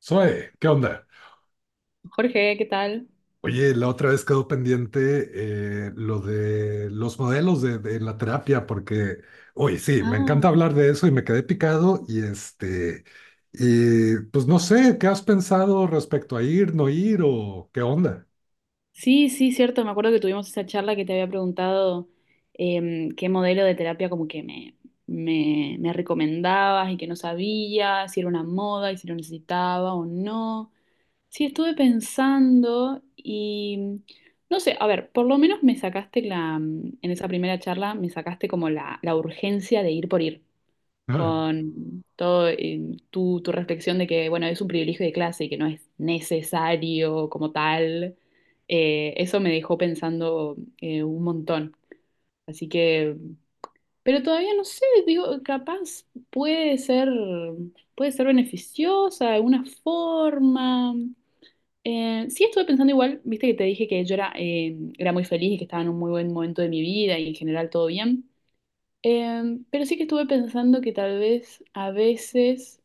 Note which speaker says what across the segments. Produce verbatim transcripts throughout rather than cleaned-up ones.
Speaker 1: Zoe, ¿qué onda?
Speaker 2: Jorge, ¿qué tal?
Speaker 1: Oye, la otra vez quedó pendiente eh, lo de los modelos de, de la terapia, porque, oye, sí, me
Speaker 2: Ah,
Speaker 1: encanta hablar de eso y me quedé picado y este, y pues no sé, ¿qué has pensado respecto a ir, no ir o qué onda?
Speaker 2: sí, sí, cierto. Me acuerdo que tuvimos esa charla que te había preguntado em, qué modelo de terapia como que me, me, me recomendabas y que no sabía si era una moda y si lo necesitaba o no. Sí, estuve pensando y mm, no sé, a ver, por lo menos me sacaste la, mm, en esa primera charla me sacaste como la, la urgencia de ir por ir.
Speaker 1: Ah,
Speaker 2: Con todo eh, tu, tu reflexión de que, bueno, es un privilegio de clase y que no es necesario como tal, eh, eso me dejó pensando eh, un montón. Así que, pero todavía no sé, digo, capaz puede ser, puede ser beneficiosa de alguna forma. Eh, sí estuve pensando igual, viste que te dije que yo era, eh, era muy feliz y que estaba en un muy buen momento de mi vida y en general todo bien. Eh, pero sí que estuve pensando que tal vez a veces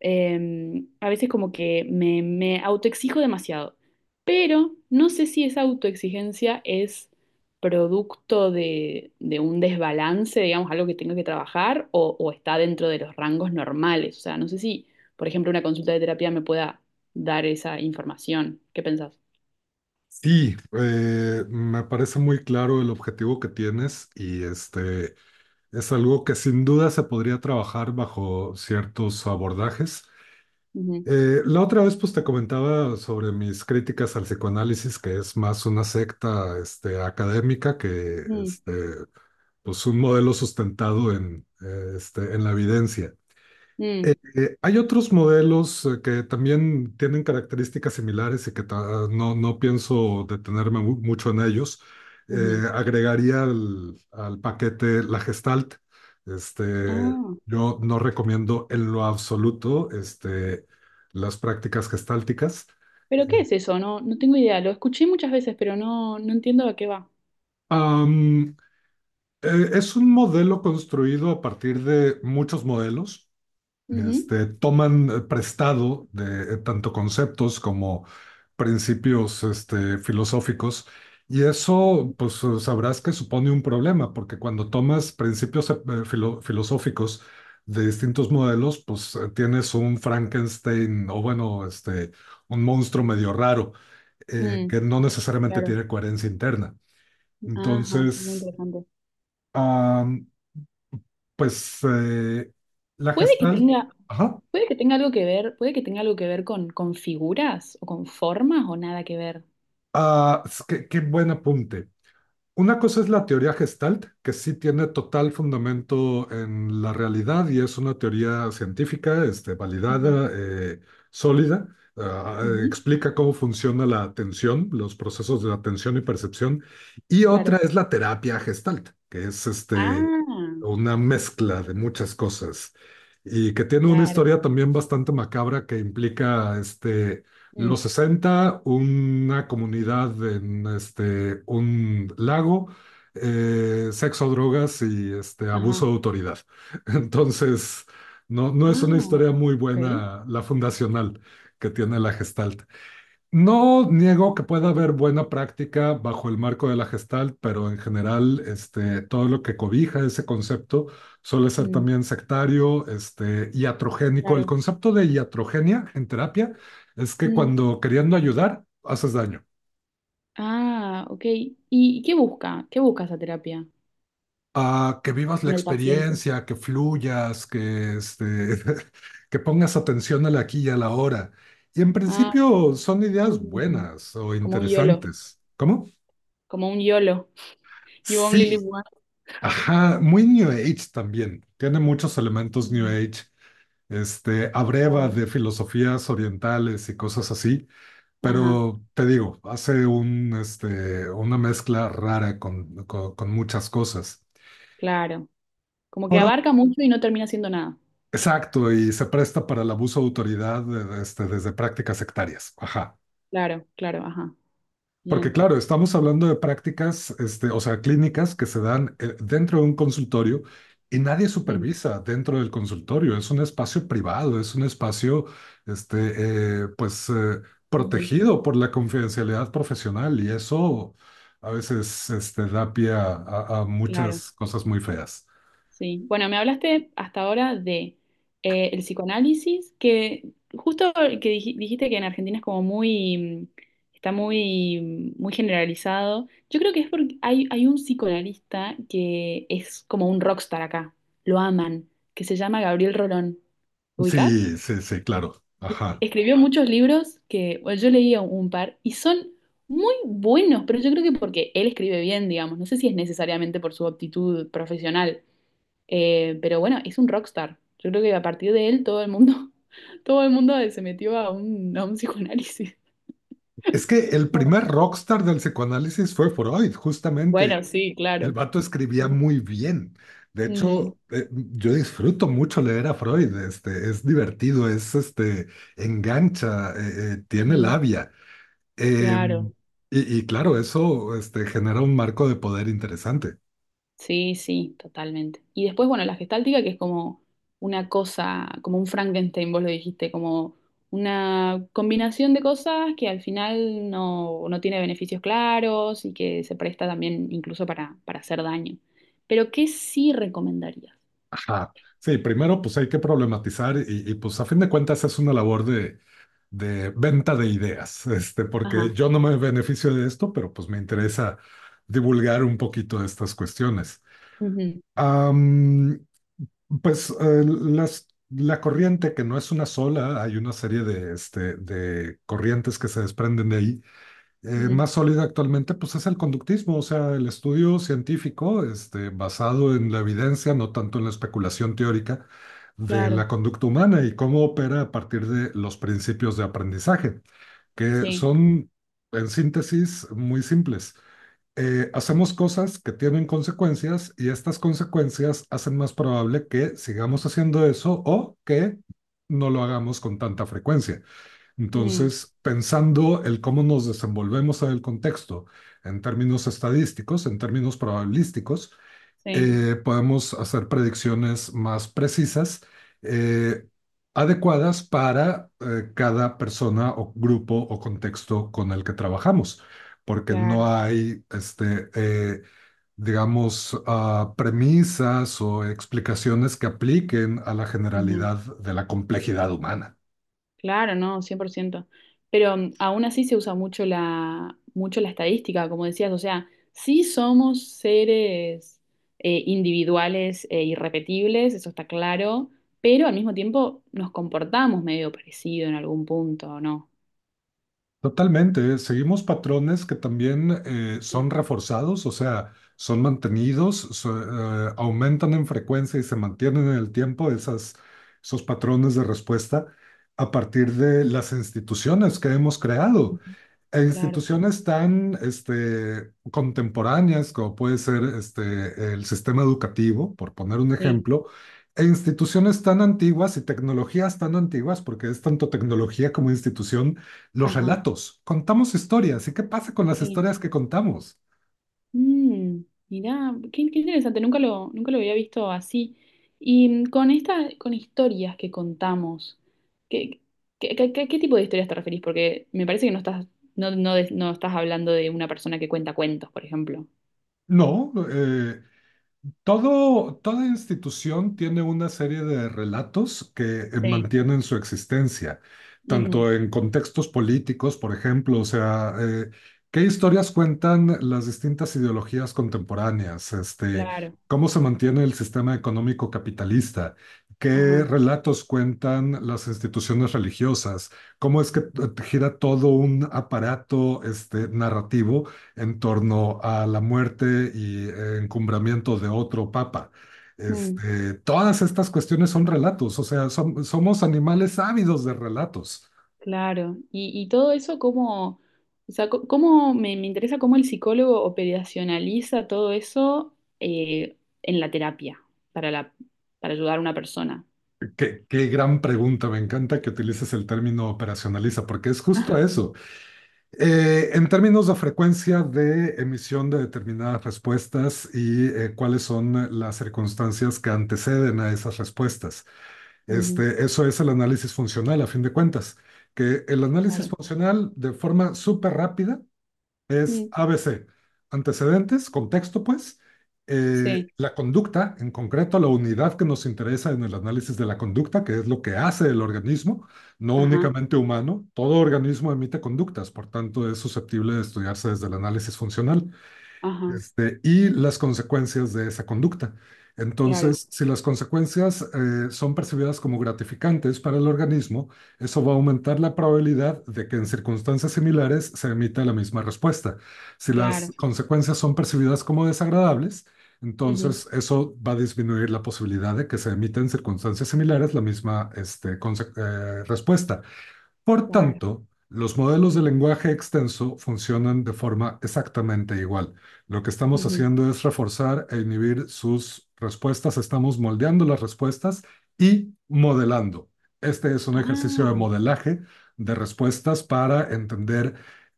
Speaker 2: eh, a veces como que me, me autoexijo demasiado, pero no sé si esa autoexigencia es producto de, de un desbalance, digamos, algo que tengo que trabajar o, o está dentro de los rangos normales. O sea, no sé si, por ejemplo, una consulta de terapia me pueda dar esa información. ¿Qué pensás?
Speaker 1: sí, eh, me parece muy claro el objetivo que tienes y este es algo que sin duda se podría trabajar bajo ciertos abordajes.
Speaker 2: Ujú,
Speaker 1: Eh, la otra vez pues te comentaba sobre mis críticas al psicoanálisis, que es más una secta este, académica que
Speaker 2: mm,
Speaker 1: este, pues, un modelo sustentado en, eh, este, en la evidencia. Eh,
Speaker 2: mm,
Speaker 1: eh, hay otros modelos eh, que también tienen características similares y que ta- no, no pienso detenerme mu- mucho en ellos. Eh,
Speaker 2: ujú.
Speaker 1: agregaría al, al paquete la Gestalt. Este,
Speaker 2: Ah,
Speaker 1: yo no recomiendo en lo absoluto este, las prácticas gestálticas.
Speaker 2: pero ¿qué es eso? No, no tengo idea. Lo escuché muchas veces, pero no, no entiendo a qué va.
Speaker 1: Am, eh, es un modelo construido a partir de muchos modelos.
Speaker 2: Ujú,
Speaker 1: Este, toman eh, prestado de eh, tanto conceptos como principios este, filosóficos y eso,
Speaker 2: ujú,
Speaker 1: pues eh, sabrás que supone un problema, porque cuando tomas principios eh, eh, filo- filosóficos de distintos modelos, pues eh, tienes un Frankenstein o bueno, este, un monstruo medio raro eh,
Speaker 2: mm,
Speaker 1: que no necesariamente
Speaker 2: claro.
Speaker 1: tiene coherencia interna.
Speaker 2: Ajá, sí, muy
Speaker 1: Entonces,
Speaker 2: interesante.
Speaker 1: ah, pues eh, la
Speaker 2: Puede que
Speaker 1: gestal...
Speaker 2: tenga,
Speaker 1: Ajá.
Speaker 2: puede que tenga algo que ver, puede que tenga algo que ver con, con figuras o con formas o nada que ver.
Speaker 1: Ah, es que- qué buen apunte. Una cosa es la teoría Gestalt, que sí tiene total fundamento en la realidad y es una teoría científica, este,
Speaker 2: Ujú,
Speaker 1: validada, eh, sólida. Ah, eh,
Speaker 2: ujú,
Speaker 1: explica cómo funciona la atención, los procesos de atención y percepción. Y otra
Speaker 2: claro.
Speaker 1: es la terapia Gestalt, que es este,
Speaker 2: Ah,
Speaker 1: una mezcla de muchas cosas y que tiene una
Speaker 2: claro.
Speaker 1: historia también bastante macabra que implica este
Speaker 2: Mm,
Speaker 1: los sesenta, una comunidad en este, un lago, eh, sexo, drogas y este,
Speaker 2: ajá.
Speaker 1: abuso de autoridad. Entonces, no, no es una
Speaker 2: Ah,
Speaker 1: historia muy
Speaker 2: ok.
Speaker 1: buena la fundacional que tiene la Gestalt. No niego que pueda haber buena práctica bajo el marco de la Gestalt, pero en general, este, todo lo que cobija ese concepto suele ser
Speaker 2: Mm,
Speaker 1: también sectario, este, iatrogénico. El
Speaker 2: claro.
Speaker 1: concepto de iatrogenia en terapia es que
Speaker 2: Mm,
Speaker 1: cuando queriendo ayudar, haces daño.
Speaker 2: ah, ok. ¿Y qué busca? ¿Qué busca esa terapia
Speaker 1: A que vivas la
Speaker 2: con el paciente?
Speaker 1: experiencia, que fluyas, que, este, que pongas atención al aquí y a la hora. Y en
Speaker 2: Ah,
Speaker 1: principio son ideas
Speaker 2: mm,
Speaker 1: buenas o
Speaker 2: como un YOLO,
Speaker 1: interesantes. ¿Cómo?
Speaker 2: como un YOLO. You only live
Speaker 1: Sí,
Speaker 2: once.
Speaker 1: ajá, muy New Age también. Tiene muchos elementos New
Speaker 2: Mm,
Speaker 1: Age. Este, abreva
Speaker 2: claro.
Speaker 1: de filosofías orientales y cosas así,
Speaker 2: Ajá,
Speaker 1: pero te digo, hace un, este, una mezcla rara con, con, con muchas cosas.
Speaker 2: claro. Como que
Speaker 1: Por ot-
Speaker 2: abarca mucho y no termina siendo nada.
Speaker 1: exacto, y se presta para el abuso de autoridad, eh, este, desde prácticas sectarias. Ajá.
Speaker 2: Claro, claro, ajá.
Speaker 1: Porque
Speaker 2: Bien.
Speaker 1: claro, estamos hablando de prácticas, este, o sea, clínicas que se dan eh, dentro de un consultorio y nadie
Speaker 2: Ujú,
Speaker 1: supervisa dentro del consultorio. Es un espacio privado, es un espacio, este, eh, pues, eh,
Speaker 2: ujú,
Speaker 1: protegido por la confidencialidad profesional y eso a veces, este, da pie a, a- a
Speaker 2: claro,
Speaker 1: muchas cosas muy feas.
Speaker 2: sí. Bueno, me hablaste hasta ahora de eh, el psicoanálisis, que justo el que dij- dijiste que en Argentina es como muy, mm, está muy, muy generalizado. Yo creo que es porque hay, hay un psicoanalista que es como un rockstar acá, lo aman, que se llama Gabriel Rolón. ¿Lo ubicás?
Speaker 1: Sí, sí, sí, claro. Ajá.
Speaker 2: Escribió muchos libros que bueno, yo leía un par y son muy buenos, pero yo creo que porque él escribe bien, digamos. No sé si es necesariamente por su aptitud profesional, eh, pero bueno, es un rockstar. Yo creo que a partir de él todo el mundo, todo el mundo se metió a un, a un psicoanálisis.
Speaker 1: Es que el primer rockstar del psicoanálisis fue Freud, justamente.
Speaker 2: Bueno, sí,
Speaker 1: El
Speaker 2: claro.
Speaker 1: vato
Speaker 2: Sí.
Speaker 1: escribía muy bien. De
Speaker 2: Ujú,
Speaker 1: hecho, eh, yo disfruto mucho leer a Freud. Este, es divertido, es este, engancha, eh, eh, tiene
Speaker 2: ujú,
Speaker 1: labia. Em,
Speaker 2: claro.
Speaker 1: y, y claro, eso este, genera un marco de poder interesante.
Speaker 2: Sí, sí, totalmente. Y después, bueno, la gestáltica, que es como una cosa, como un Frankenstein, vos lo dijiste, como una combinación de cosas que al final no, no tiene beneficios claros y que se presta también incluso para, para hacer daño. Pero, ¿qué sí recomendarías?
Speaker 1: Ajá. Sí, primero pues hay que problematizar y, y, pues a fin de cuentas es una labor de, de venta de ideas, este, porque
Speaker 2: Ajá.
Speaker 1: yo no me beneficio de esto, pero pues me interesa divulgar un poquito de estas cuestiones.
Speaker 2: Ujú,
Speaker 1: Am, Pues eh, las- la corriente, que no es una sola, hay una serie de, este, de corrientes que se desprenden de ahí. Eh,
Speaker 2: ujú,
Speaker 1: más sólida actualmente, pues es el conductismo, o sea, el estudio científico este, basado en la evidencia, no tanto en la especulación teórica de
Speaker 2: claro,
Speaker 1: la conducta humana y cómo opera a partir de los principios de aprendizaje, que
Speaker 2: sí.
Speaker 1: son, en síntesis, muy simples. Eh, hacemos cosas que tienen consecuencias y estas consecuencias hacen más probable que sigamos haciendo eso o que no lo hagamos con tanta frecuencia.
Speaker 2: Mm,
Speaker 1: Entonces, pensando el cómo nos desenvolvemos en el contexto en términos estadísticos, en términos probabilísticos,
Speaker 2: sí,
Speaker 1: eh, podemos hacer predicciones más precisas, eh, adecuadas para eh, cada persona o grupo o contexto con el que trabajamos, porque no
Speaker 2: claro.
Speaker 1: hay, este, eh, digamos, ah, premisas o explicaciones que apliquen a la generalidad de la complejidad humana.
Speaker 2: Claro, no, cien por ciento. Pero mm, aún así se usa mucho la, mucho la estadística, como decías, o sea, sí somos seres eh, individuales e irrepetibles, eso está claro, pero al mismo tiempo nos comportamos medio parecido en algún punto, ¿o no?
Speaker 1: Totalmente, ¿eh? Seguimos patrones que también eh,
Speaker 2: Ujú.
Speaker 1: son reforzados, o sea, son mantenidos, so- eh, aumentan en frecuencia y se mantienen en el tiempo esas, esos patrones de respuesta a partir de las instituciones que hemos creado. E
Speaker 2: Claro,
Speaker 1: instituciones tan este, contemporáneas como puede ser este, el sistema educativo, por poner un
Speaker 2: sí,
Speaker 1: ejemplo, e instituciones tan antiguas y tecnologías tan antiguas, porque es tanto tecnología como institución los
Speaker 2: ajá,
Speaker 1: relatos, contamos historias. ¿Y qué pasa con las
Speaker 2: sí.
Speaker 1: historias que contamos?
Speaker 2: Mm, mirá, qué, qué interesante, nunca lo, nunca lo había visto así. Y mm, con esta, con historias que contamos, ¿qué, qué, qué- qué- qué tipo de historias te referís? Porque me parece que no estás, no, no, de- no estás hablando de una persona que cuenta cuentos, por ejemplo.
Speaker 1: No, eh, todo, toda institución tiene una serie de relatos que eh,
Speaker 2: Sí.
Speaker 1: mantienen su existencia,
Speaker 2: Ujú,
Speaker 1: tanto en contextos políticos, por ejemplo, o sea, eh, qué historias cuentan las distintas ideologías contemporáneas, este,
Speaker 2: claro.
Speaker 1: cómo se mantiene el sistema económico capitalista, qué
Speaker 2: Ajá.
Speaker 1: relatos cuentan las instituciones religiosas, cómo es que eh, gira todo un aparato, este, narrativo en torno a la muerte y eh, encumbramiento de otro papa.
Speaker 2: Mm,
Speaker 1: Este, todas estas cuestiones son relatos, o sea, som- somos animales ávidos de relatos.
Speaker 2: claro. Y, y todo eso, ¿cómo, o sea, co- cómo me, me interesa cómo el psicólogo operacionaliza todo eso eh, en la terapia para la, para ayudar a una persona?
Speaker 1: Qué, qué gran pregunta, me encanta que utilices el término operacionaliza, porque es justo
Speaker 2: Ah,
Speaker 1: eso. Eh, en términos de frecuencia de emisión de determinadas respuestas y eh, cuáles son las circunstancias que anteceden a esas respuestas.
Speaker 2: ujú,
Speaker 1: Este, eso es el análisis funcional, a fin de cuentas, que el análisis
Speaker 2: claro.
Speaker 1: funcional de forma súper rápida es
Speaker 2: Mm,
Speaker 1: a be ce: antecedentes, contexto, pues, eh,
Speaker 2: sí,
Speaker 1: la conducta, en concreto la unidad que nos interesa en el análisis de la conducta, que es lo que hace el organismo, no
Speaker 2: ajá,
Speaker 1: únicamente humano, todo organismo emite conductas, por tanto es susceptible de estudiarse desde el análisis funcional
Speaker 2: ajá,
Speaker 1: este, y las consecuencias de esa conducta.
Speaker 2: claro,
Speaker 1: Entonces, si las consecuencias eh, son percibidas como gratificantes para el organismo, eso va a aumentar la probabilidad de que en circunstancias similares se emita la misma respuesta. Si
Speaker 2: claro,
Speaker 1: las consecuencias son percibidas como desagradables,
Speaker 2: ujú,
Speaker 1: entonces eso va a disminuir la posibilidad de que se emita en circunstancias similares la misma este, conse- eh, respuesta. Por
Speaker 2: claro.
Speaker 1: tanto, los modelos de lenguaje extenso funcionan de forma exactamente igual. Lo que estamos
Speaker 2: Ujú.
Speaker 1: haciendo es reforzar e inhibir sus respuestas, estamos moldeando las respuestas y modelando. Este es un ejercicio de
Speaker 2: Ah,
Speaker 1: modelaje de respuestas para entender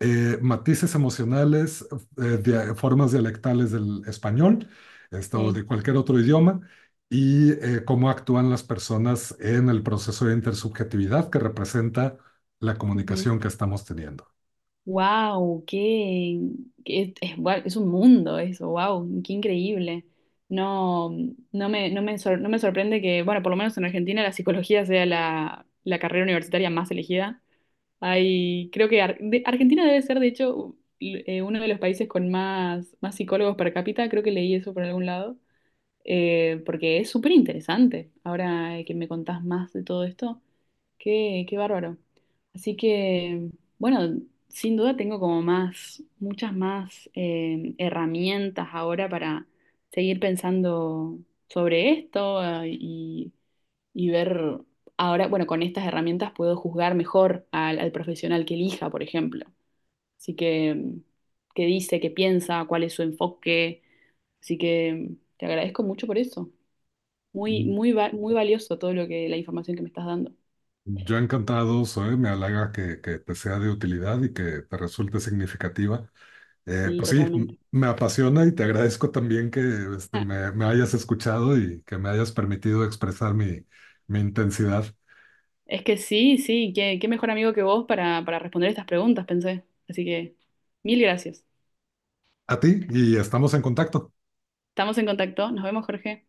Speaker 1: eh, matices emocionales, eh, dia- formas dialectales del español, esto o
Speaker 2: sí.
Speaker 1: de cualquier otro idioma y eh, cómo actúan las personas en el proceso de intersubjetividad que representa la comunicación que estamos teniendo.
Speaker 2: Wow, qué, qué- es, es- guau, es un mundo eso, wow, qué increíble. No, no me, no me, sor- no me sorprende que, bueno, por lo menos en Argentina la psicología sea la, la carrera universitaria más elegida. Hay, creo que Ar- de- Argentina debe ser, de hecho, u- eh, uno de los países con más, más psicólogos per cápita, creo que leí eso por algún lado. Eh, porque es súper interesante. Ahora eh, que me contás más de todo esto, qué, qué bárbaro. Así que, bueno, sin duda tengo como más, muchas más eh, herramientas ahora para seguir pensando sobre esto eh, y, y ver, ahora, bueno, con estas herramientas puedo juzgar mejor al, al profesional que elija, por ejemplo. Así que, qué dice, qué piensa, cuál es su enfoque. Así que te agradezco mucho por eso. Muy, muy, va- muy valioso todo lo que, la información que me estás dando.
Speaker 1: Yo encantado soy, me halaga que, que te sea de utilidad y que te resulte significativa. Eh,
Speaker 2: Sí,
Speaker 1: pues sí,
Speaker 2: totalmente.
Speaker 1: me apasiona y te agradezco también que este,
Speaker 2: Ah,
Speaker 1: me, me hayas escuchado y que me hayas permitido expresar mi, mi intensidad
Speaker 2: es que sí, sí, qué, qué mejor amigo que vos para, para responder estas preguntas, pensé. Así que, mil gracias.
Speaker 1: a ti y estamos en contacto.
Speaker 2: Estamos en contacto. Nos vemos, Jorge.